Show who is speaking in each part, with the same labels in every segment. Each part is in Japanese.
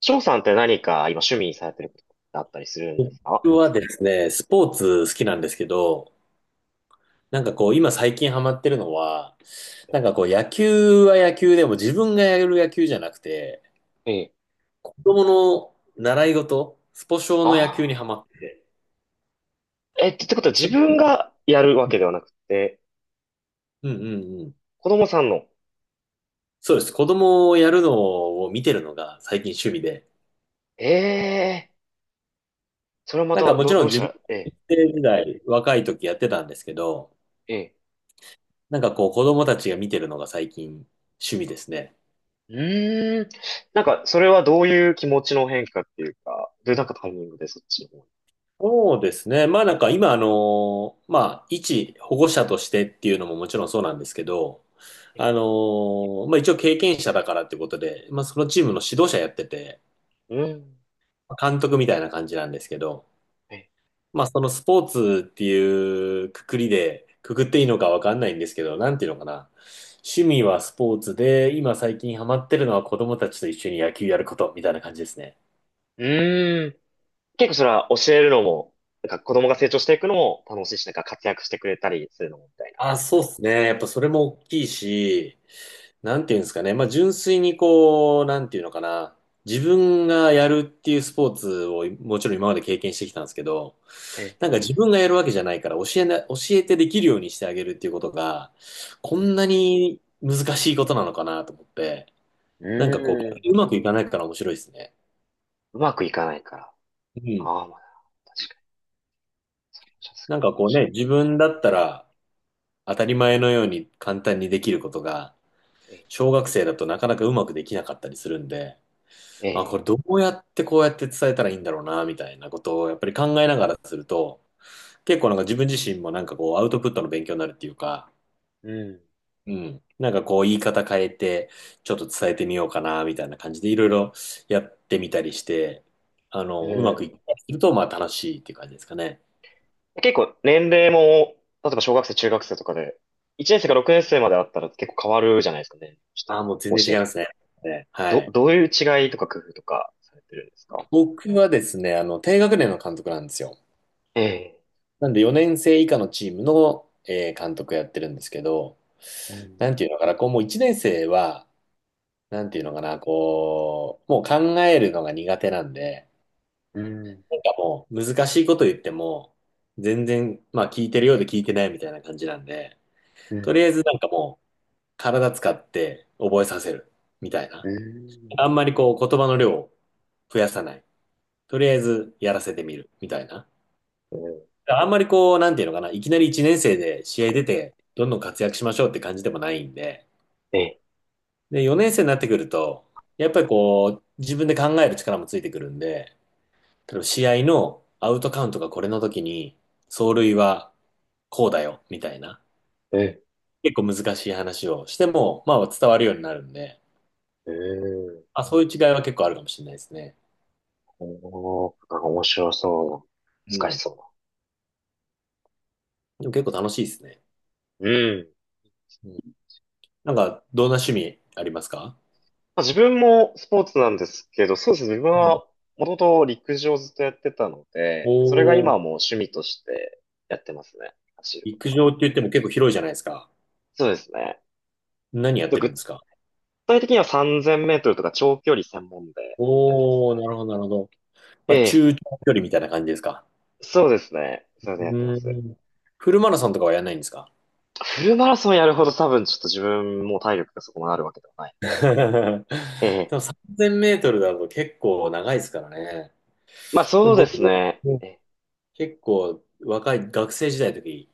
Speaker 1: 翔さんって何か今趣味にされてることだったりするんですか？
Speaker 2: 僕はですね、スポーツ好きなんですけど、なんかこう、今最近ハマってるのは、なんかこう、野球は野球でも自分がやる野球じゃなくて、
Speaker 1: ええ。
Speaker 2: 子供の習い事、スポ少の野球にハ
Speaker 1: あ
Speaker 2: マってて、
Speaker 1: あえ、ってことは自
Speaker 2: それ
Speaker 1: 分がやるわ
Speaker 2: うん
Speaker 1: けではなくて、
Speaker 2: うんうん。
Speaker 1: 子供さんの。
Speaker 2: そうです。子供をやるのを見てるのが最近趣味で、
Speaker 1: ええ、それはま
Speaker 2: なんか
Speaker 1: た、
Speaker 2: もちろ
Speaker 1: ど
Speaker 2: ん
Speaker 1: うし
Speaker 2: 自
Speaker 1: た
Speaker 2: 分、
Speaker 1: ら、え。
Speaker 2: 学生時代、若い時やってたんですけど、
Speaker 1: ええ。え。
Speaker 2: なんかこう、子供たちが見てるのが最近趣味ですね。
Speaker 1: うーん。なんか、それはどういう気持ちの変化っていうか、どういうなんかタイミングでそっちの方に。
Speaker 2: そうですね。まあなんか今あの、まあ一保護者としてっていうのももちろんそうなんですけど、
Speaker 1: ええ、
Speaker 2: あの、まあ一応経験者だからってことで、まあそのチームの指導者やってて、
Speaker 1: うーん。
Speaker 2: 監督みたいな感じなんですけど、
Speaker 1: ええ、
Speaker 2: まあそのスポーツっていうくくりで、くくっていいのかわかんないんですけど、なんていうのかな。趣味はスポーツで、今最近ハマってるのは子供たちと一緒に野球やることみたいな感じですね。
Speaker 1: うーん。結構それは教えるのも、なんか子供が成長していくのも楽しいし、なんか活躍してくれたりするのもみたいな。
Speaker 2: あ、そうですね。やっぱそれも大きいし、なんていうんですかね。まあ、純粋にこう、なんていうのかな。自分がやるっていうスポーツをもちろん今まで経験してきたんですけど、
Speaker 1: え
Speaker 2: なん
Speaker 1: え。
Speaker 2: か自分がやるわけじゃないから教えてできるようにしてあげるっていうことが、こ
Speaker 1: う
Speaker 2: ん
Speaker 1: ん。
Speaker 2: なに難しいことなのかなと思って、
Speaker 1: う
Speaker 2: なんかこう、
Speaker 1: ー
Speaker 2: 逆
Speaker 1: ん。
Speaker 2: にうまくいかないから面白いですね。
Speaker 1: うまくいかないから。
Speaker 2: うん。
Speaker 1: ああ、まあ、確かに。シャツか
Speaker 2: な
Speaker 1: も
Speaker 2: んかこう
Speaker 1: しれ
Speaker 2: ね、自分だったら当たり前のように簡単にできることが、
Speaker 1: ない。
Speaker 2: 小学生だとなかなかうまくできなかったりするんで、
Speaker 1: え
Speaker 2: あ、こ
Speaker 1: え、
Speaker 2: れどうやってこうやって伝えたらいいんだろうな、みたいなことをやっぱり考えながらすると、結構なんか自分自身もなんかこうアウトプットの勉強になるっていうか、
Speaker 1: ええ、
Speaker 2: うん。なんかこう言い方変えて、ちょっと伝えてみようかな、みたいな感じでいろいろやってみたりして、あ
Speaker 1: うん、
Speaker 2: の、うま
Speaker 1: う
Speaker 2: くいった
Speaker 1: ん。
Speaker 2: りすると、まあ楽しいっていう感じですかね。
Speaker 1: 結構年齢も、例えば小学生、中学生とかで、1年生から6年生まであったら結構変わるじゃないですか、年齢として。
Speaker 2: ああ、もう全
Speaker 1: 教
Speaker 2: 然
Speaker 1: え
Speaker 2: 違いま
Speaker 1: 方。
Speaker 2: すね。ね、はい。
Speaker 1: どういう違いとか工夫とかされてるんですか？
Speaker 2: 僕はですね、あの、低学年の監督なんですよ。
Speaker 1: ええ、
Speaker 2: なんで4年生以下のチームの、監督やってるんですけど、
Speaker 1: うん、
Speaker 2: なんていうのかな、こうもう1年生は、なんていうのかな、こう、もう考えるのが苦手なんで、
Speaker 1: うん、
Speaker 2: なんかもう難しいこと言っても、全然、まあ聞いてるようで聞いてないみたいな感じなんで、
Speaker 1: う
Speaker 2: とりあ
Speaker 1: ん、
Speaker 2: えずなんかもう体使って覚えさせるみたい
Speaker 1: う
Speaker 2: な。あ
Speaker 1: ん、
Speaker 2: んまりこう言葉の量を増やさない。とりあえずやらせてみるみたいな。
Speaker 1: うん、
Speaker 2: あんまりこう、なんていうのかな、いきなり1年生で試合出て、どんどん活躍しましょうって感じでもないんで、
Speaker 1: ええ、
Speaker 2: で、4年生になってくると、やっぱりこう、自分で考える力もついてくるんで、例えば試合のアウトカウントがこれの時に、走塁はこうだよ、みたいな、
Speaker 1: ええ、
Speaker 2: 結構難しい話をしても、まあ伝わるようになるんで、
Speaker 1: ええ。
Speaker 2: あ、そういう違いは結構あるかもしれないですね。
Speaker 1: おー、なんか面白そ
Speaker 2: う
Speaker 1: うな。難し
Speaker 2: ん。
Speaker 1: そ
Speaker 2: でも結構楽しいですね。
Speaker 1: うな。うん。
Speaker 2: うん。なんか、どんな趣味ありますか？
Speaker 1: まあ、自分もスポーツなんですけど、そうですね。自分
Speaker 2: う
Speaker 1: は
Speaker 2: ん。
Speaker 1: もともと陸上をずっとやってたの
Speaker 2: お
Speaker 1: で、それが今はも
Speaker 2: ー、
Speaker 1: う趣味としてやってますね。走ること
Speaker 2: 陸
Speaker 1: は。
Speaker 2: 上って言っても結構広いじゃないですか。
Speaker 1: そうですね。
Speaker 2: 何や
Speaker 1: あ
Speaker 2: っ
Speaker 1: と
Speaker 2: てるん
Speaker 1: 具
Speaker 2: ですか？
Speaker 1: 体的には3000メートルとか長距離専門でやってます
Speaker 2: おー、な
Speaker 1: ね。
Speaker 2: るほど、なるほど。
Speaker 1: え
Speaker 2: まあ、
Speaker 1: え、
Speaker 2: 中長距離みたいな感じですか。
Speaker 1: そうですね。
Speaker 2: う
Speaker 1: それでやってます。
Speaker 2: ーん。フルマラソンとかはやらないんですか？
Speaker 1: フルマラソンやるほど多分ちょっと自分も体力がそこまであるわけではない。
Speaker 2: で
Speaker 1: ええ、
Speaker 2: も3000メートルだと結構長いですからね。
Speaker 1: まあ
Speaker 2: で
Speaker 1: そう
Speaker 2: も
Speaker 1: で
Speaker 2: 僕
Speaker 1: す
Speaker 2: も
Speaker 1: ね。ええ。
Speaker 2: 結構若い学生時代の時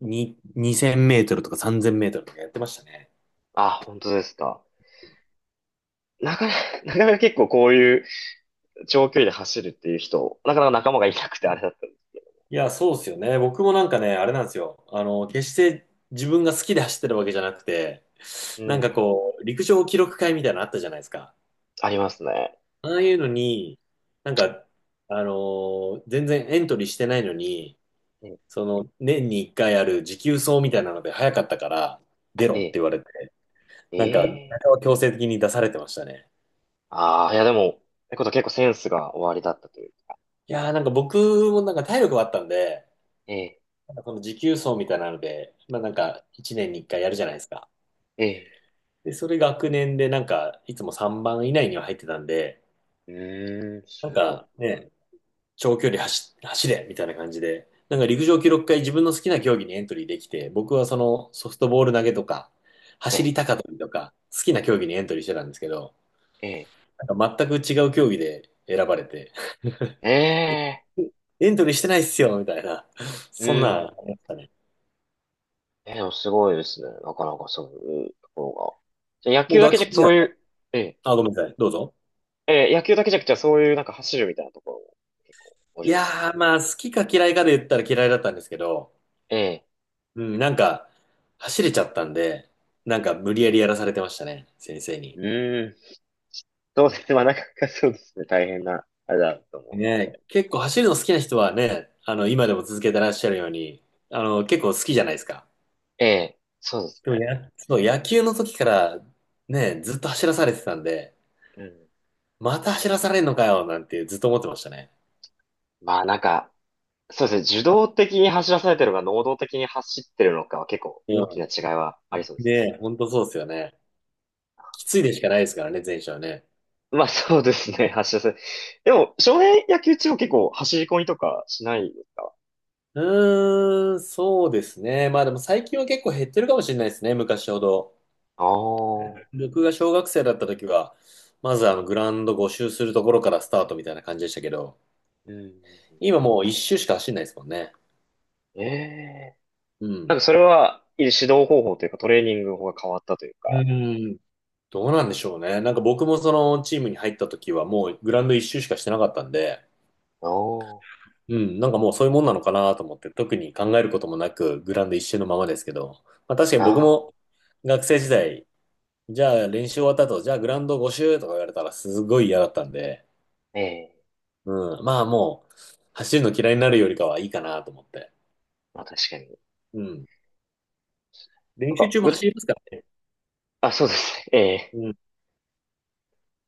Speaker 2: に2000メートルとか3000メートルとかやってましたね。
Speaker 1: あ、本当ですか。なかなか、なかなか結構こういう長距離で走るっていう人、なかなか仲間がいなくてあれだった。
Speaker 2: いや、そうですよね。僕もなんかね、あれなんですよ。あの、決して自分が好きで走ってるわけじゃなくて、
Speaker 1: う
Speaker 2: なんか
Speaker 1: ん。
Speaker 2: こう、陸上記録会みたいなのあったじゃないですか。
Speaker 1: ありますね。
Speaker 2: ああいうのに、なんか、全然エントリーしてないのに、
Speaker 1: うん、
Speaker 2: その、年に一回ある持久走みたいなので早かったから、出
Speaker 1: え
Speaker 2: ろって
Speaker 1: え、
Speaker 2: 言われて、
Speaker 1: え
Speaker 2: なんか、
Speaker 1: え。
Speaker 2: 強制的に出されてましたね。
Speaker 1: ああ、いやでも、ってことは結構センスが終わりだったというか。
Speaker 2: いやーなんか僕もなんか体力はあったんで、
Speaker 1: ええ、
Speaker 2: なんかこの持久走みたいなので、まあなんか、一年に一回やるじゃないですか。
Speaker 1: ええ、
Speaker 2: で、それ学年でなんか、いつも3番以内には入ってたんで、
Speaker 1: うーん、
Speaker 2: なん
Speaker 1: すご
Speaker 2: かね、長距離走、走れみたいな感じで、なんか陸上記録会自分の好きな競技にエントリーできて、僕はそのソフトボール投げとか、
Speaker 1: い。
Speaker 2: 走り
Speaker 1: え
Speaker 2: 高跳びとか、好きな競技にエントリーしてたんですけど、
Speaker 1: え、
Speaker 2: なんか全く違う競技で選ばれて、
Speaker 1: ええ、ええ、
Speaker 2: エントリーしてないっすよみたいな、
Speaker 1: う
Speaker 2: そんなんあ
Speaker 1: ん。
Speaker 2: りましたね。
Speaker 1: ええ、でもすごいですね。なかなかそういうところが。じゃあ野
Speaker 2: もう
Speaker 1: 球だけ
Speaker 2: 学生
Speaker 1: じゃなく
Speaker 2: 時
Speaker 1: そ
Speaker 2: 代、
Speaker 1: ういう、ええ、
Speaker 2: あ、ごめんなさい、どうぞ。
Speaker 1: ええ、野球だけじゃなくてそういうなんか走るみたいなところも結構お
Speaker 2: い
Speaker 1: 上手。
Speaker 2: やー、まあ、好きか嫌いかで言ったら嫌いだったんですけど、
Speaker 1: ええ、
Speaker 2: うん、なんか、走れちゃったんで、なんか無理やりやらされてましたね、先生
Speaker 1: う
Speaker 2: に。
Speaker 1: ーん。そうですね。まあなかなかそうですね。大変な、あれだと思う。
Speaker 2: ね、結構走るの好きな人はね、あの、今でも続けてらっしゃるように、あの、結構好きじゃないですか。
Speaker 1: ええ、そうです
Speaker 2: でも
Speaker 1: ね。
Speaker 2: や、そう、野球の時からね、ずっと走らされてたんで、
Speaker 1: うん。
Speaker 2: また走らされんのかよ、なんてずっと思ってましたね。
Speaker 1: まあなんか、そうですね。受動的に走らされてるのか、能動的に走ってるのかは結構
Speaker 2: う
Speaker 1: 大きな違いはありそう
Speaker 2: ん。
Speaker 1: ですね。
Speaker 2: ね、本当そうですよね。きついでしかないですからね、前者はね。
Speaker 1: まあそうですね。走らせ、でも、少年野球中は結構走り込みとかしないですか？
Speaker 2: うーん、そうですね。まあでも最近は結構減ってるかもしれないですね、昔ほど。
Speaker 1: ああー、
Speaker 2: 僕が小学生だった時は、まずあのグラウンド募周するところからスタートみたいな感じでしたけど、
Speaker 1: うん。
Speaker 2: 今もう一周しか走んないですもんね。
Speaker 1: ええ。
Speaker 2: う
Speaker 1: な
Speaker 2: ん。
Speaker 1: んかそれは、指導方法というかトレーニング法が変わったという
Speaker 2: う
Speaker 1: か。
Speaker 2: ーん。どうなんでしょうね。なんか僕もそのチームに入った時はもうグラウンド一周しかしてなかったんで、
Speaker 1: あ
Speaker 2: うん、なんかもうそういうもんなのかなと思って特に考えることもなくグラウンド一周のままですけど、まあ確かに
Speaker 1: あ、
Speaker 2: 僕
Speaker 1: ああ、
Speaker 2: も学生時代、じゃあ練習終わった後、じゃあグラウンド5周とか言われたらすごい嫌だったんで、
Speaker 1: ええ。
Speaker 2: うん、まあもう走るの嫌いになるよりかはいいかなと思って。
Speaker 1: まあ確かに。
Speaker 2: うん。
Speaker 1: なん
Speaker 2: 練習
Speaker 1: か、
Speaker 2: 中も
Speaker 1: ぐと、
Speaker 2: 走りますからね。
Speaker 1: あ、そうですね。ええ。
Speaker 2: うん、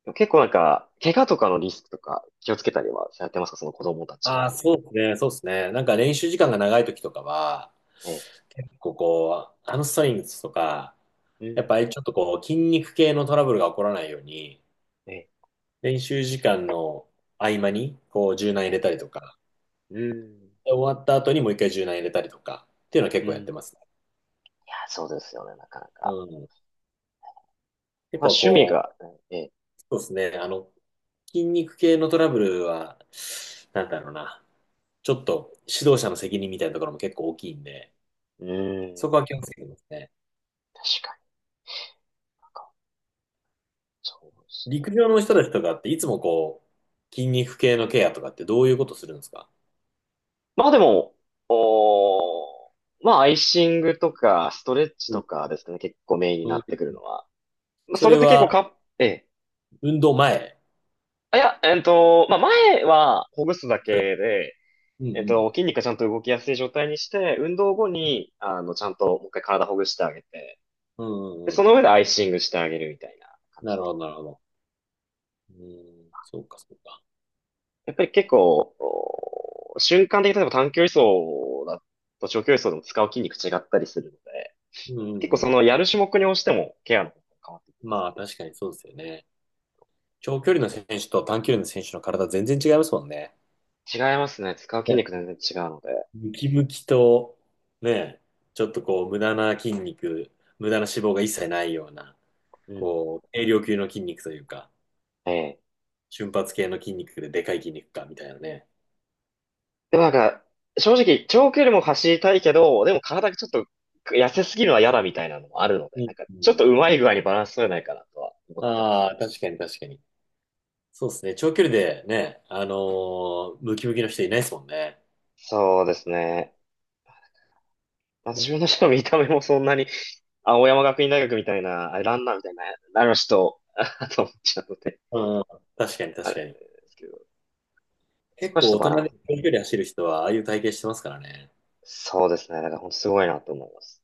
Speaker 1: でも結構なんか、怪我とかのリスクとか気をつけたりはされてますか、その子供たちが？
Speaker 2: ああ、そうですね、そうですね。なんか練習時間が長い時とかは、
Speaker 1: ね。
Speaker 2: 結構こう、ハムストリングスとか、
Speaker 1: う
Speaker 2: やっ
Speaker 1: ん。
Speaker 2: ぱりちょっとこう、筋肉系のトラブルが起こらないように、
Speaker 1: ね。
Speaker 2: 練習時間の合間に、こう、柔軟入れ
Speaker 1: ね。
Speaker 2: たりとか、
Speaker 1: うん。
Speaker 2: で終わった後にもう一回柔軟入れたりとか、っていうのは
Speaker 1: う
Speaker 2: 結
Speaker 1: ん。
Speaker 2: 構やっ
Speaker 1: い
Speaker 2: てますね。
Speaker 1: や、そうですよね、なかな
Speaker 2: う
Speaker 1: か。
Speaker 2: ん。
Speaker 1: まあ、
Speaker 2: 結構
Speaker 1: 趣味
Speaker 2: こう、
Speaker 1: が、ね。
Speaker 2: そうですね、あの、筋肉系のトラブルは、なんだろうな、ちょっと指導者の責任みたいなところも結構大きいんで、
Speaker 1: うん。
Speaker 2: そこは気をつけてますね。
Speaker 1: 確かに。なんか、そうです
Speaker 2: 陸
Speaker 1: ね。
Speaker 2: 上の人たちとかっていつもこう、筋肉系のケアとかってどういうことするんですか？
Speaker 1: まあでも、おー、まあアイシングとか、ストレッチ
Speaker 2: うん
Speaker 1: とかですかね、結構メインに
Speaker 2: う
Speaker 1: なってくる
Speaker 2: ん、
Speaker 1: のは。まあ
Speaker 2: そ
Speaker 1: それ
Speaker 2: れ
Speaker 1: で結構
Speaker 2: は
Speaker 1: か、ええ。
Speaker 2: 運動前？
Speaker 1: あ、いや、まあ前はほぐすだ
Speaker 2: それ
Speaker 1: けで、
Speaker 2: うんうん。
Speaker 1: 筋肉がちゃんと動きやすい状態にして、運動後に、ちゃんともう一回体ほぐしてあげて、
Speaker 2: うん
Speaker 1: で、
Speaker 2: うんう
Speaker 1: その
Speaker 2: ん。
Speaker 1: 上でアイシングしてあげるみたいな感じ
Speaker 2: なる
Speaker 1: で
Speaker 2: ほ
Speaker 1: す。
Speaker 2: ど、なるほど。うん、そうか、そうか。
Speaker 1: やっぱり結構、お瞬間的に例えば短距離走だと長距離走でも使う筋肉違ったりするので、
Speaker 2: うんう
Speaker 1: 結構
Speaker 2: んう
Speaker 1: そ
Speaker 2: ん。
Speaker 1: のやる種目に応じてもケアの方法が変わってきます。
Speaker 2: まあ、確かにそうですよね。長距離の選手と短距離の選手の体全然違いますもんね。
Speaker 1: 違いますね。使う筋
Speaker 2: ね、
Speaker 1: 肉全然違うので。
Speaker 2: ムキムキと、ね、ちょっとこう、無駄な筋肉、無駄な脂肪が一切ないような、
Speaker 1: うん。
Speaker 2: こう、軽量級の筋肉というか。
Speaker 1: ええ。
Speaker 2: 瞬発系の筋肉ででかい筋肉か、みたいなね。
Speaker 1: でもなんか、正直、長距離も走りたいけど、でも体がちょっと痩せすぎるのは嫌だみたいなのもあるので、
Speaker 2: う
Speaker 1: な
Speaker 2: ん。
Speaker 1: んか、
Speaker 2: う
Speaker 1: ちょっと
Speaker 2: ん。
Speaker 1: うまい具合にバランス取れないかなとは思ってます。
Speaker 2: ああ、確かに確かに。そうですね。長距離でね、ムキムキの人いないですもんね。
Speaker 1: そうですね。まあ、自分の人の見た目もそんなに、青山学院大学みたいな、あれランナーみたいな、あの人、あと思っちゃうので、
Speaker 2: うん。確かに
Speaker 1: あ
Speaker 2: 確
Speaker 1: れ
Speaker 2: かに。
Speaker 1: ですけど、そ
Speaker 2: 結
Speaker 1: こはちょっ
Speaker 2: 構
Speaker 1: と
Speaker 2: 大
Speaker 1: バ
Speaker 2: 人
Speaker 1: ラン
Speaker 2: で
Speaker 1: ス。
Speaker 2: 長距離走る人は、ああいう体型してますからね。
Speaker 1: そうですね。だから本当すごいなと思います。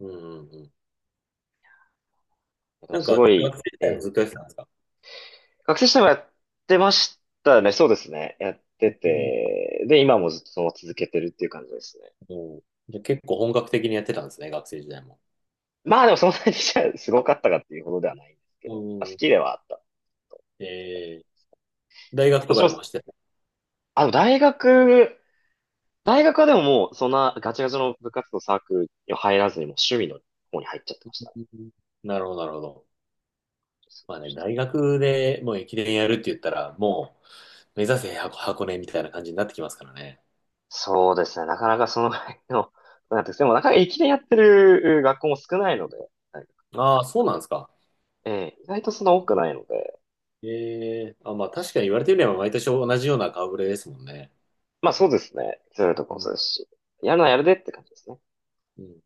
Speaker 2: うんうんうん。
Speaker 1: でも
Speaker 2: なんか、
Speaker 1: すご
Speaker 2: 学
Speaker 1: い、
Speaker 2: 生時
Speaker 1: え
Speaker 2: 代も
Speaker 1: え。
Speaker 2: ずっとやってたんですか？
Speaker 1: 学生時代もやってましたね。そうですね。やって
Speaker 2: うん
Speaker 1: て、で、今もずっとその続けてるっていう感じですね。
Speaker 2: うん。じゃあ結構本格的にやってたんですね、学生時代も。
Speaker 1: まあでもそんなにじゃあすごかったかっていうほどではないんですけど、まあ、好
Speaker 2: う
Speaker 1: き
Speaker 2: ん。
Speaker 1: ではあったと。
Speaker 2: えー、大学
Speaker 1: も
Speaker 2: と
Speaker 1: ち
Speaker 2: か
Speaker 1: ろ
Speaker 2: で
Speaker 1: ん、
Speaker 2: も走ってた？
Speaker 1: あの、大学、大学はでももうそんなガチガチの部活動サークルには入らずにもう趣味の方に入っちゃってまし
Speaker 2: う
Speaker 1: たね。
Speaker 2: ん、なるほど、なるほど。まあね、大学でもう駅伝やるって言ったら、もう、目指せ箱根みたいな感じになってきますからね。
Speaker 1: そうですね。なかなかそのぐらいの、なんていうんですかでもなかなか駅伝やってる学校も少ないので、はい、
Speaker 2: ああ、そうなんですか。
Speaker 1: ええ、意外とそんな多くないので、
Speaker 2: ええ、あ、まあ確かに言われてみれば毎年同じような顔ぶれですもんね。
Speaker 1: まあそうですね。そういうとこ
Speaker 2: う
Speaker 1: もそ
Speaker 2: ん。
Speaker 1: うですし、やるのはやるでって感じですね。
Speaker 2: うん